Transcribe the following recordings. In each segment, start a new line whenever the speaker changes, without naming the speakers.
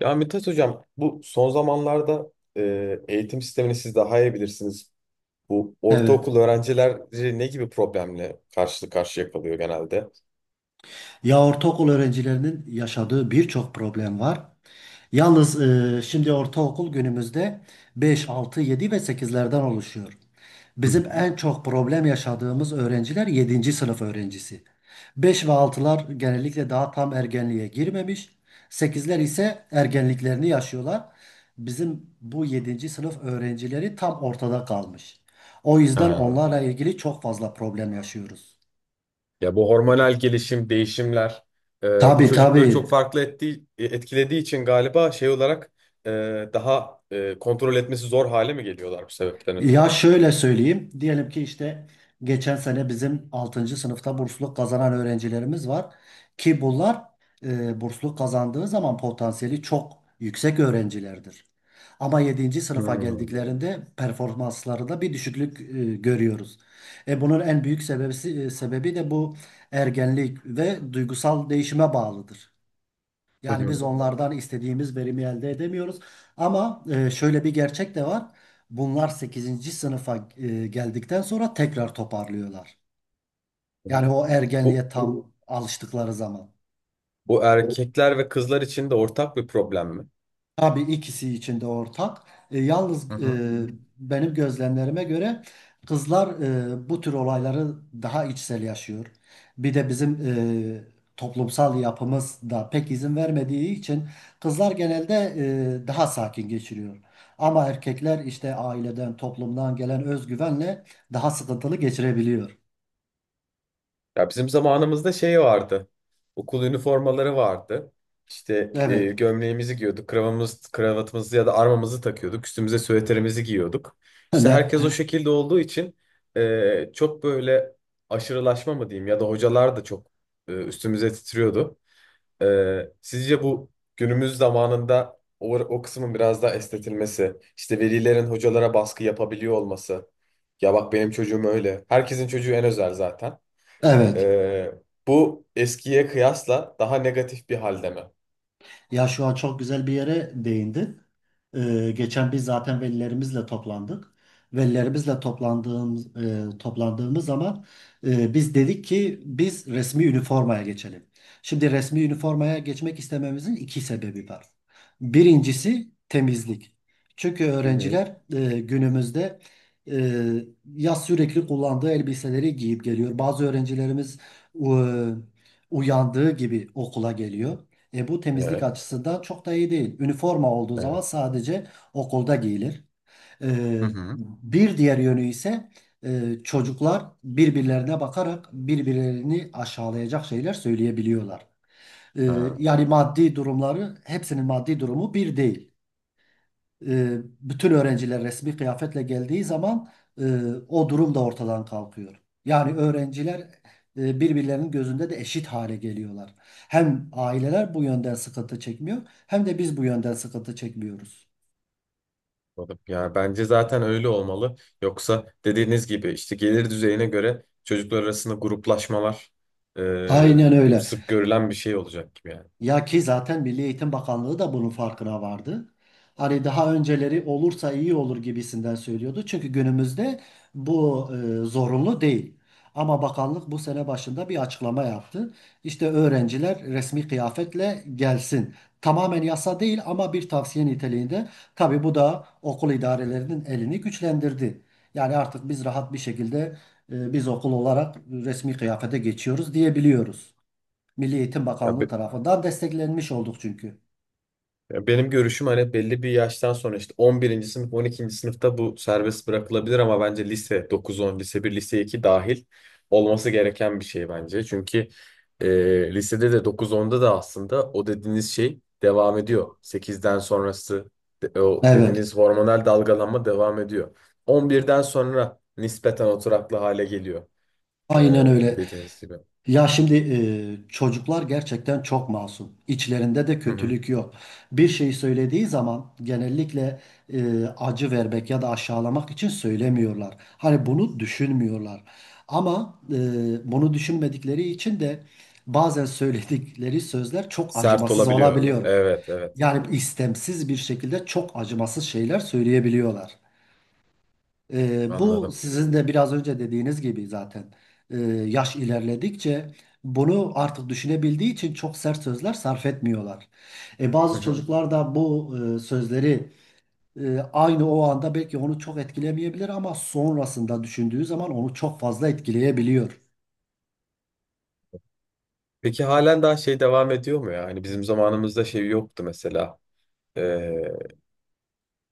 Ya Mithat Hocam, bu son zamanlarda eğitim sistemini siz daha iyi bilirsiniz. Bu
Evet.
ortaokul öğrencileri ne gibi problemle karşı karşıya kalıyor genelde?
Ya ortaokul öğrencilerinin yaşadığı birçok problem var. Yalnız şimdi ortaokul günümüzde 5, 6, 7 ve sekizlerden oluşuyor. Bizim en çok problem yaşadığımız öğrenciler yedinci sınıf öğrencisi. 5 ve altılar genellikle daha tam ergenliğe girmemiş. Sekizler ise ergenliklerini yaşıyorlar. Bizim bu yedinci sınıf öğrencileri tam ortada kalmış. O yüzden
Ha.
onlarla ilgili çok fazla problem yaşıyoruz.
Ya bu hormonal gelişim, değişimler bu
Tabii
çocukları
tabii.
çok farklı etkilediği için galiba şey olarak e, daha kontrol etmesi zor hale mi geliyorlar bu sebepten ötürü?
Ya şöyle söyleyeyim. Diyelim ki işte geçen sene bizim altıncı sınıfta bursluluk kazanan öğrencilerimiz var. Ki bunlar bursluluk kazandığı zaman potansiyeli çok yüksek öğrencilerdir. Ama yedinci
Hmm.
sınıfa
Hı
geldiklerinde performanslarında bir düşüklük görüyoruz. Bunun en büyük sebebi de bu ergenlik ve duygusal değişime bağlıdır.
hı.
Yani
Hı
biz onlardan istediğimiz verimi elde edemiyoruz. Ama şöyle bir gerçek de var. Bunlar sekizinci sınıfa geldikten sonra tekrar toparlıyorlar.
hı.
Yani o
Bu
ergenliğe tam alıştıkları zaman.
Bu erkekler ve kızlar için de ortak bir problem mi?
Tabii, ikisi için de ortak.
Hı
Yalnız,
hı.
benim gözlemlerime göre kızlar bu tür olayları daha içsel yaşıyor. Bir de bizim toplumsal yapımız da pek izin vermediği için kızlar genelde daha sakin geçiriyor. Ama erkekler işte aileden, toplumdan gelen özgüvenle daha sıkıntılı geçirebiliyor.
Ya bizim zamanımızda şey vardı. Okul üniformaları vardı. İşte
Evet.
gömleğimizi giyiyorduk, kravatımızı ya da armamızı takıyorduk, üstümüze süveterimizi giyiyorduk. İşte
Ne?
herkes o şekilde olduğu için çok böyle aşırılaşma mı diyeyim ya da hocalar da çok üstümüze titriyordu. Sizce bu günümüz zamanında o kısmın biraz daha estetilmesi, işte velilerin hocalara baskı yapabiliyor olması. Ya bak benim çocuğum öyle. Herkesin çocuğu en özel zaten.
Evet.
Ee, bu eskiye kıyasla daha negatif bir halde mi?
Ya şu an çok güzel bir yere değindin. Geçen biz zaten velilerimizle toplandık. Velilerimizle toplandığımız zaman biz dedik ki biz resmi üniformaya geçelim. Şimdi resmi üniformaya geçmek istememizin iki sebebi var. Birincisi temizlik. Çünkü
Hı hı.
öğrenciler günümüzde e, ya sürekli kullandığı elbiseleri giyip geliyor. Bazı öğrencilerimiz e, uyandığı gibi okula geliyor. Bu temizlik
Evet,
açısı da çok da iyi değil. Üniforma olduğu zaman
evet.
sadece okulda giyilir. E,
Hı hı.
Bir diğer yönü ise çocuklar birbirlerine bakarak birbirlerini aşağılayacak şeyler söyleyebiliyorlar. E,
Ha,
Yani maddi durumları, hepsinin maddi durumu bir değil, bütün öğrenciler resmi kıyafetle geldiği zaman e, o durum da ortadan kalkıyor. Yani öğrenciler birbirlerinin gözünde de eşit hale geliyorlar. Hem aileler bu yönden sıkıntı çekmiyor, hem de biz bu yönden sıkıntı çekmiyoruz.
anladım. Ya bence zaten öyle olmalı. Yoksa dediğiniz gibi işte gelir düzeyine göre çocuklar arasında gruplaşmalar e,
Aynen öyle.
sık görülen bir şey olacak gibi yani.
Ya ki zaten Milli Eğitim Bakanlığı da bunun farkına vardı. Hani daha önceleri olursa iyi olur gibisinden söylüyordu. Çünkü günümüzde bu zorunlu değil. Ama bakanlık bu sene başında bir açıklama yaptı. İşte öğrenciler resmi kıyafetle gelsin. Tamamen yasa değil ama bir tavsiye niteliğinde. Tabii bu da okul idarelerinin elini güçlendirdi. Yani artık biz rahat bir şekilde biz okul olarak resmi kıyafete geçiyoruz diyebiliyoruz. Milli Eğitim
Ya,
Bakanlığı
be-
tarafından desteklenmiş olduk çünkü.
Ya benim görüşüm hani belli bir yaştan sonra işte on birinci sınıf on ikinci sınıfta bu serbest bırakılabilir ama bence lise dokuz on lise bir lise 2 dahil olması gereken bir şey bence. Çünkü lisede de dokuz onda da aslında o dediğiniz şey devam ediyor. Sekizden sonrası o
Evet.
dediğiniz hormonal dalgalanma devam ediyor. On birden sonra nispeten oturaklı hale geliyor, e,
Aynen öyle.
dediğiniz gibi.
Ya şimdi çocuklar gerçekten çok masum. İçlerinde de
Hı hı.
kötülük yok. Bir şey söylediği zaman genellikle acı vermek ya da aşağılamak için söylemiyorlar. Hani bunu düşünmüyorlar. Ama bunu düşünmedikleri için de bazen söyledikleri sözler çok
Sert
acımasız
olabiliyor.
olabiliyor.
Evet, evet,
Yani istemsiz bir şekilde çok acımasız şeyler söyleyebiliyorlar. Bu
anladım.
sizin de biraz önce dediğiniz gibi zaten e, yaş ilerledikçe bunu artık düşünebildiği için çok sert sözler sarf etmiyorlar.
Hı
Bazı
hı.
çocuklar da bu sözleri aynı o anda belki onu çok etkilemeyebilir ama sonrasında düşündüğü zaman onu çok fazla etkileyebiliyor.
Peki halen daha şey devam ediyor mu ya? Hani bizim zamanımızda şey yoktu mesela. Ee,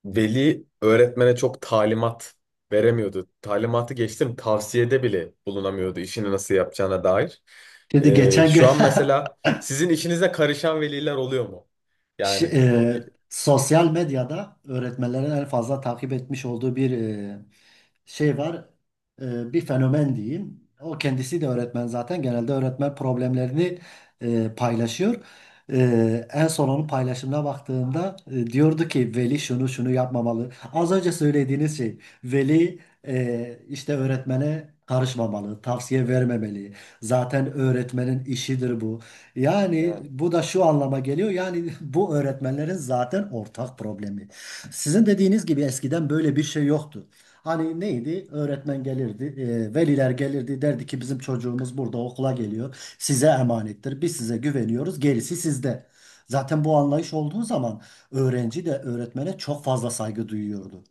veli öğretmene çok talimat veremiyordu. Talimatı geçtim tavsiyede bile bulunamıyordu işini nasıl yapacağına dair.
Şimdi geçen gün
Şu an mesela sizin işinize karışan veliler oluyor mu? Yani
Sosyal medyada öğretmenlerin en fazla takip etmiş olduğu bir şey var. Bir fenomen diyeyim. O kendisi de öğretmen zaten. Genelde öğretmen problemlerini paylaşıyor. En son onun paylaşımına baktığımda diyordu ki veli şunu şunu yapmamalı. Az önce söylediğiniz şey, veli işte öğretmene karışmamalı, tavsiye vermemeli. Zaten öğretmenin işidir bu. Yani
Yani
bu da şu anlama geliyor. Yani bu öğretmenlerin zaten ortak problemi. Sizin dediğiniz gibi eskiden böyle bir şey yoktu. Hani neydi? Öğretmen gelirdi, veliler gelirdi, derdi ki bizim çocuğumuz burada okula geliyor. Size emanettir. Biz size güveniyoruz. Gerisi sizde. Zaten bu anlayış olduğu zaman öğrenci de öğretmene çok fazla saygı duyuyordu.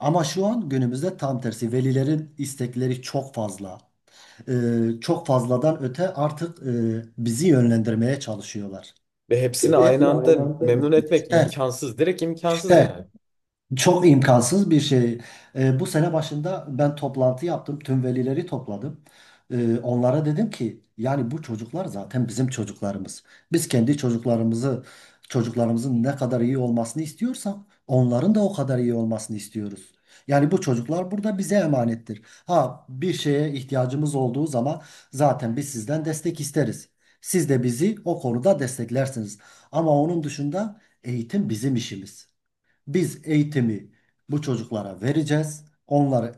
Ama şu an günümüzde tam tersi. Velilerin istekleri çok fazla, e, çok fazladan öte artık bizi yönlendirmeye çalışıyorlar.
ve hepsini aynı
Hepsini
anda
aynı anda
memnun etmek
işte,
imkansız. Direkt imkansız
işte
yani.
çok imkansız bir şey. Bu sene başında ben toplantı yaptım. Tüm velileri topladım. Onlara dedim ki yani bu çocuklar zaten bizim çocuklarımız. Biz kendi çocuklarımızı, çocuklarımızın ne kadar iyi olmasını istiyorsak onların da o kadar iyi olmasını istiyoruz. Yani bu çocuklar burada bize emanettir. Ha bir şeye ihtiyacımız olduğu zaman zaten biz sizden destek isteriz. Siz de bizi o konuda desteklersiniz. Ama onun dışında eğitim bizim işimiz. Biz eğitimi bu çocuklara vereceğiz.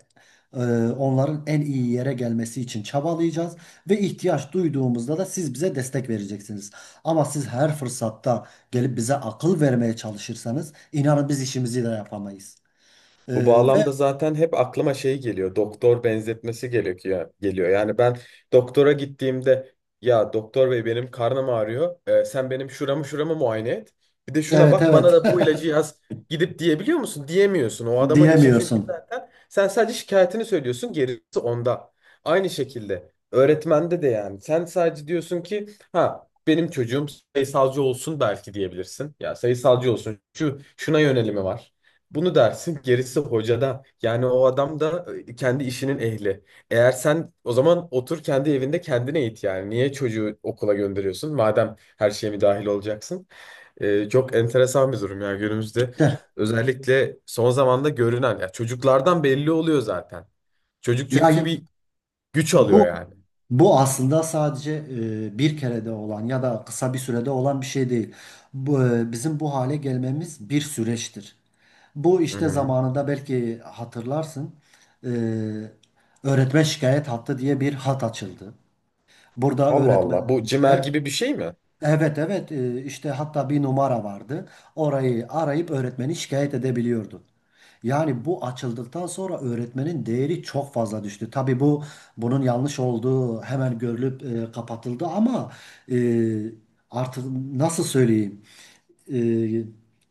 e, Onların en iyi yere gelmesi için çabalayacağız ve ihtiyaç duyduğumuzda da siz bize destek vereceksiniz. Ama siz her fırsatta gelip bize akıl vermeye çalışırsanız inanın biz işimizi de yapamayız. E,
Bu
Ve
bağlamda zaten hep aklıma şey geliyor. Doktor benzetmesi gerekiyor geliyor. Yani ben doktora gittiğimde ya doktor bey benim karnım ağrıyor. Sen benim şuramı muayene et. Bir de şuna
evet,
bak bana
evet,
da bu ilacı yaz gidip diyebiliyor musun? Diyemiyorsun. O adamın işi çünkü
diyemiyorsun.
zaten sen sadece şikayetini söylüyorsun. Gerisi onda. Aynı şekilde öğretmende de yani sen sadece diyorsun ki ha benim çocuğum sayısalcı olsun belki diyebilirsin. Ya sayısalcı olsun. Şuna yönelimi var. Bunu dersin gerisi hocada. Yani o adam da kendi işinin ehli. Eğer sen o zaman otur kendi evinde kendine eğit yani. Niye çocuğu okula gönderiyorsun? Madem her şeye mi dahil olacaksın? E, çok enteresan bir durum ya günümüzde.
De,
Özellikle son zamanda görünen. Ya çocuklardan belli oluyor zaten. Çocuk
ya
çünkü bir güç alıyor
bu
yani.
bu aslında sadece bir kerede olan ya da kısa bir sürede olan bir şey değil. Bu, bizim bu hale gelmemiz bir süreçtir. Bu
Hı
işte
hı.
zamanında belki hatırlarsın, e, öğretmen şikayet hattı diye bir hat açıldı. Burada
Allah
öğretmen
Allah. Bu cimer
e,
gibi bir şey mi?
evet, evet, işte hatta bir numara vardı. Orayı arayıp öğretmeni şikayet edebiliyordu. Yani bu açıldıktan sonra öğretmenin değeri çok fazla düştü. Tabii bu, bunun yanlış olduğu hemen görülüp kapatıldı ama e, artık nasıl söyleyeyim, e,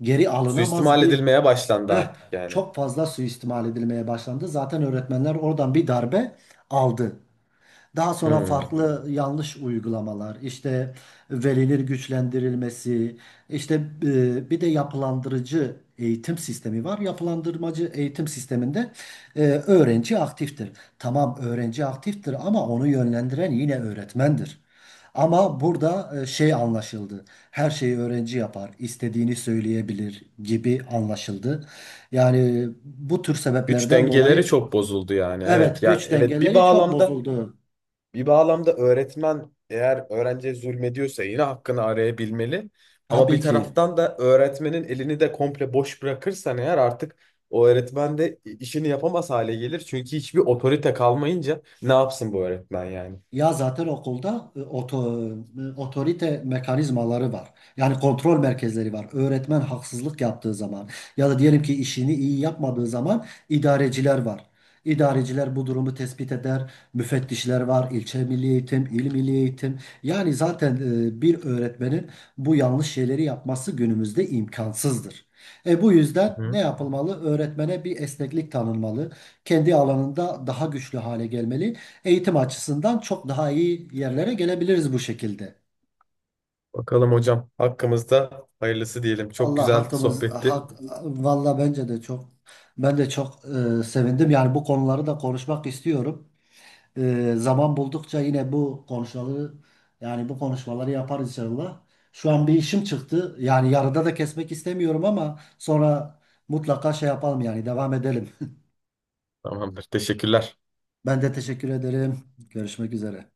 geri alınamaz
Suistimal
bir
edilmeye başlandı
eh,
artık yani.
çok fazla suistimal edilmeye başlandı. Zaten öğretmenler oradan bir darbe aldı. Daha sonra
Hı.
farklı yanlış uygulamalar, işte veliler güçlendirilmesi, işte bir de yapılandırıcı eğitim sistemi var. Yapılandırmacı eğitim sisteminde öğrenci aktiftir. Tamam, öğrenci aktiftir ama onu yönlendiren yine öğretmendir. Ama burada şey anlaşıldı. Her şeyi öğrenci yapar, istediğini söyleyebilir gibi anlaşıldı. Yani bu tür
Güç
sebeplerden
dengeleri
dolayı
çok bozuldu yani. Evet
evet,
ya,
güç
evet, bir
dengeleri çok
bağlamda
bozuldu.
öğretmen eğer öğrenciye zulmediyorsa yine hakkını arayabilmeli. Ama bir
Tabii ki.
taraftan da öğretmenin elini de komple boş bırakırsan eğer artık o öğretmen de işini yapamaz hale gelir. Çünkü hiçbir otorite kalmayınca ne yapsın bu öğretmen yani?
Ya zaten okulda otorite mekanizmaları var. Yani kontrol merkezleri var. Öğretmen haksızlık yaptığı zaman ya da diyelim ki işini iyi yapmadığı zaman idareciler var. İdareciler bu durumu tespit eder. Müfettişler var. İlçe Milli Eğitim, il milli Eğitim. Yani zaten bir öğretmenin bu yanlış şeyleri yapması günümüzde imkansızdır. Bu yüzden
Hı
ne
hı.
yapılmalı? Öğretmene bir esneklik tanınmalı. Kendi alanında daha güçlü hale gelmeli, eğitim açısından çok daha iyi yerlere gelebiliriz bu şekilde.
Bakalım hocam. Hakkımızda hayırlısı diyelim. Çok
Allah
güzel
hakkımız
sohbetti.
hak, valla bence de çok, ben de çok sevindim. Yani bu konuları da konuşmak istiyorum. Zaman buldukça yine bu konuşmaları yaparız inşallah. Şu an bir işim çıktı. Yani yarıda da kesmek istemiyorum ama sonra mutlaka şey yapalım, yani devam edelim.
Tamamdır. Teşekkürler.
Ben de teşekkür ederim. Görüşmek üzere.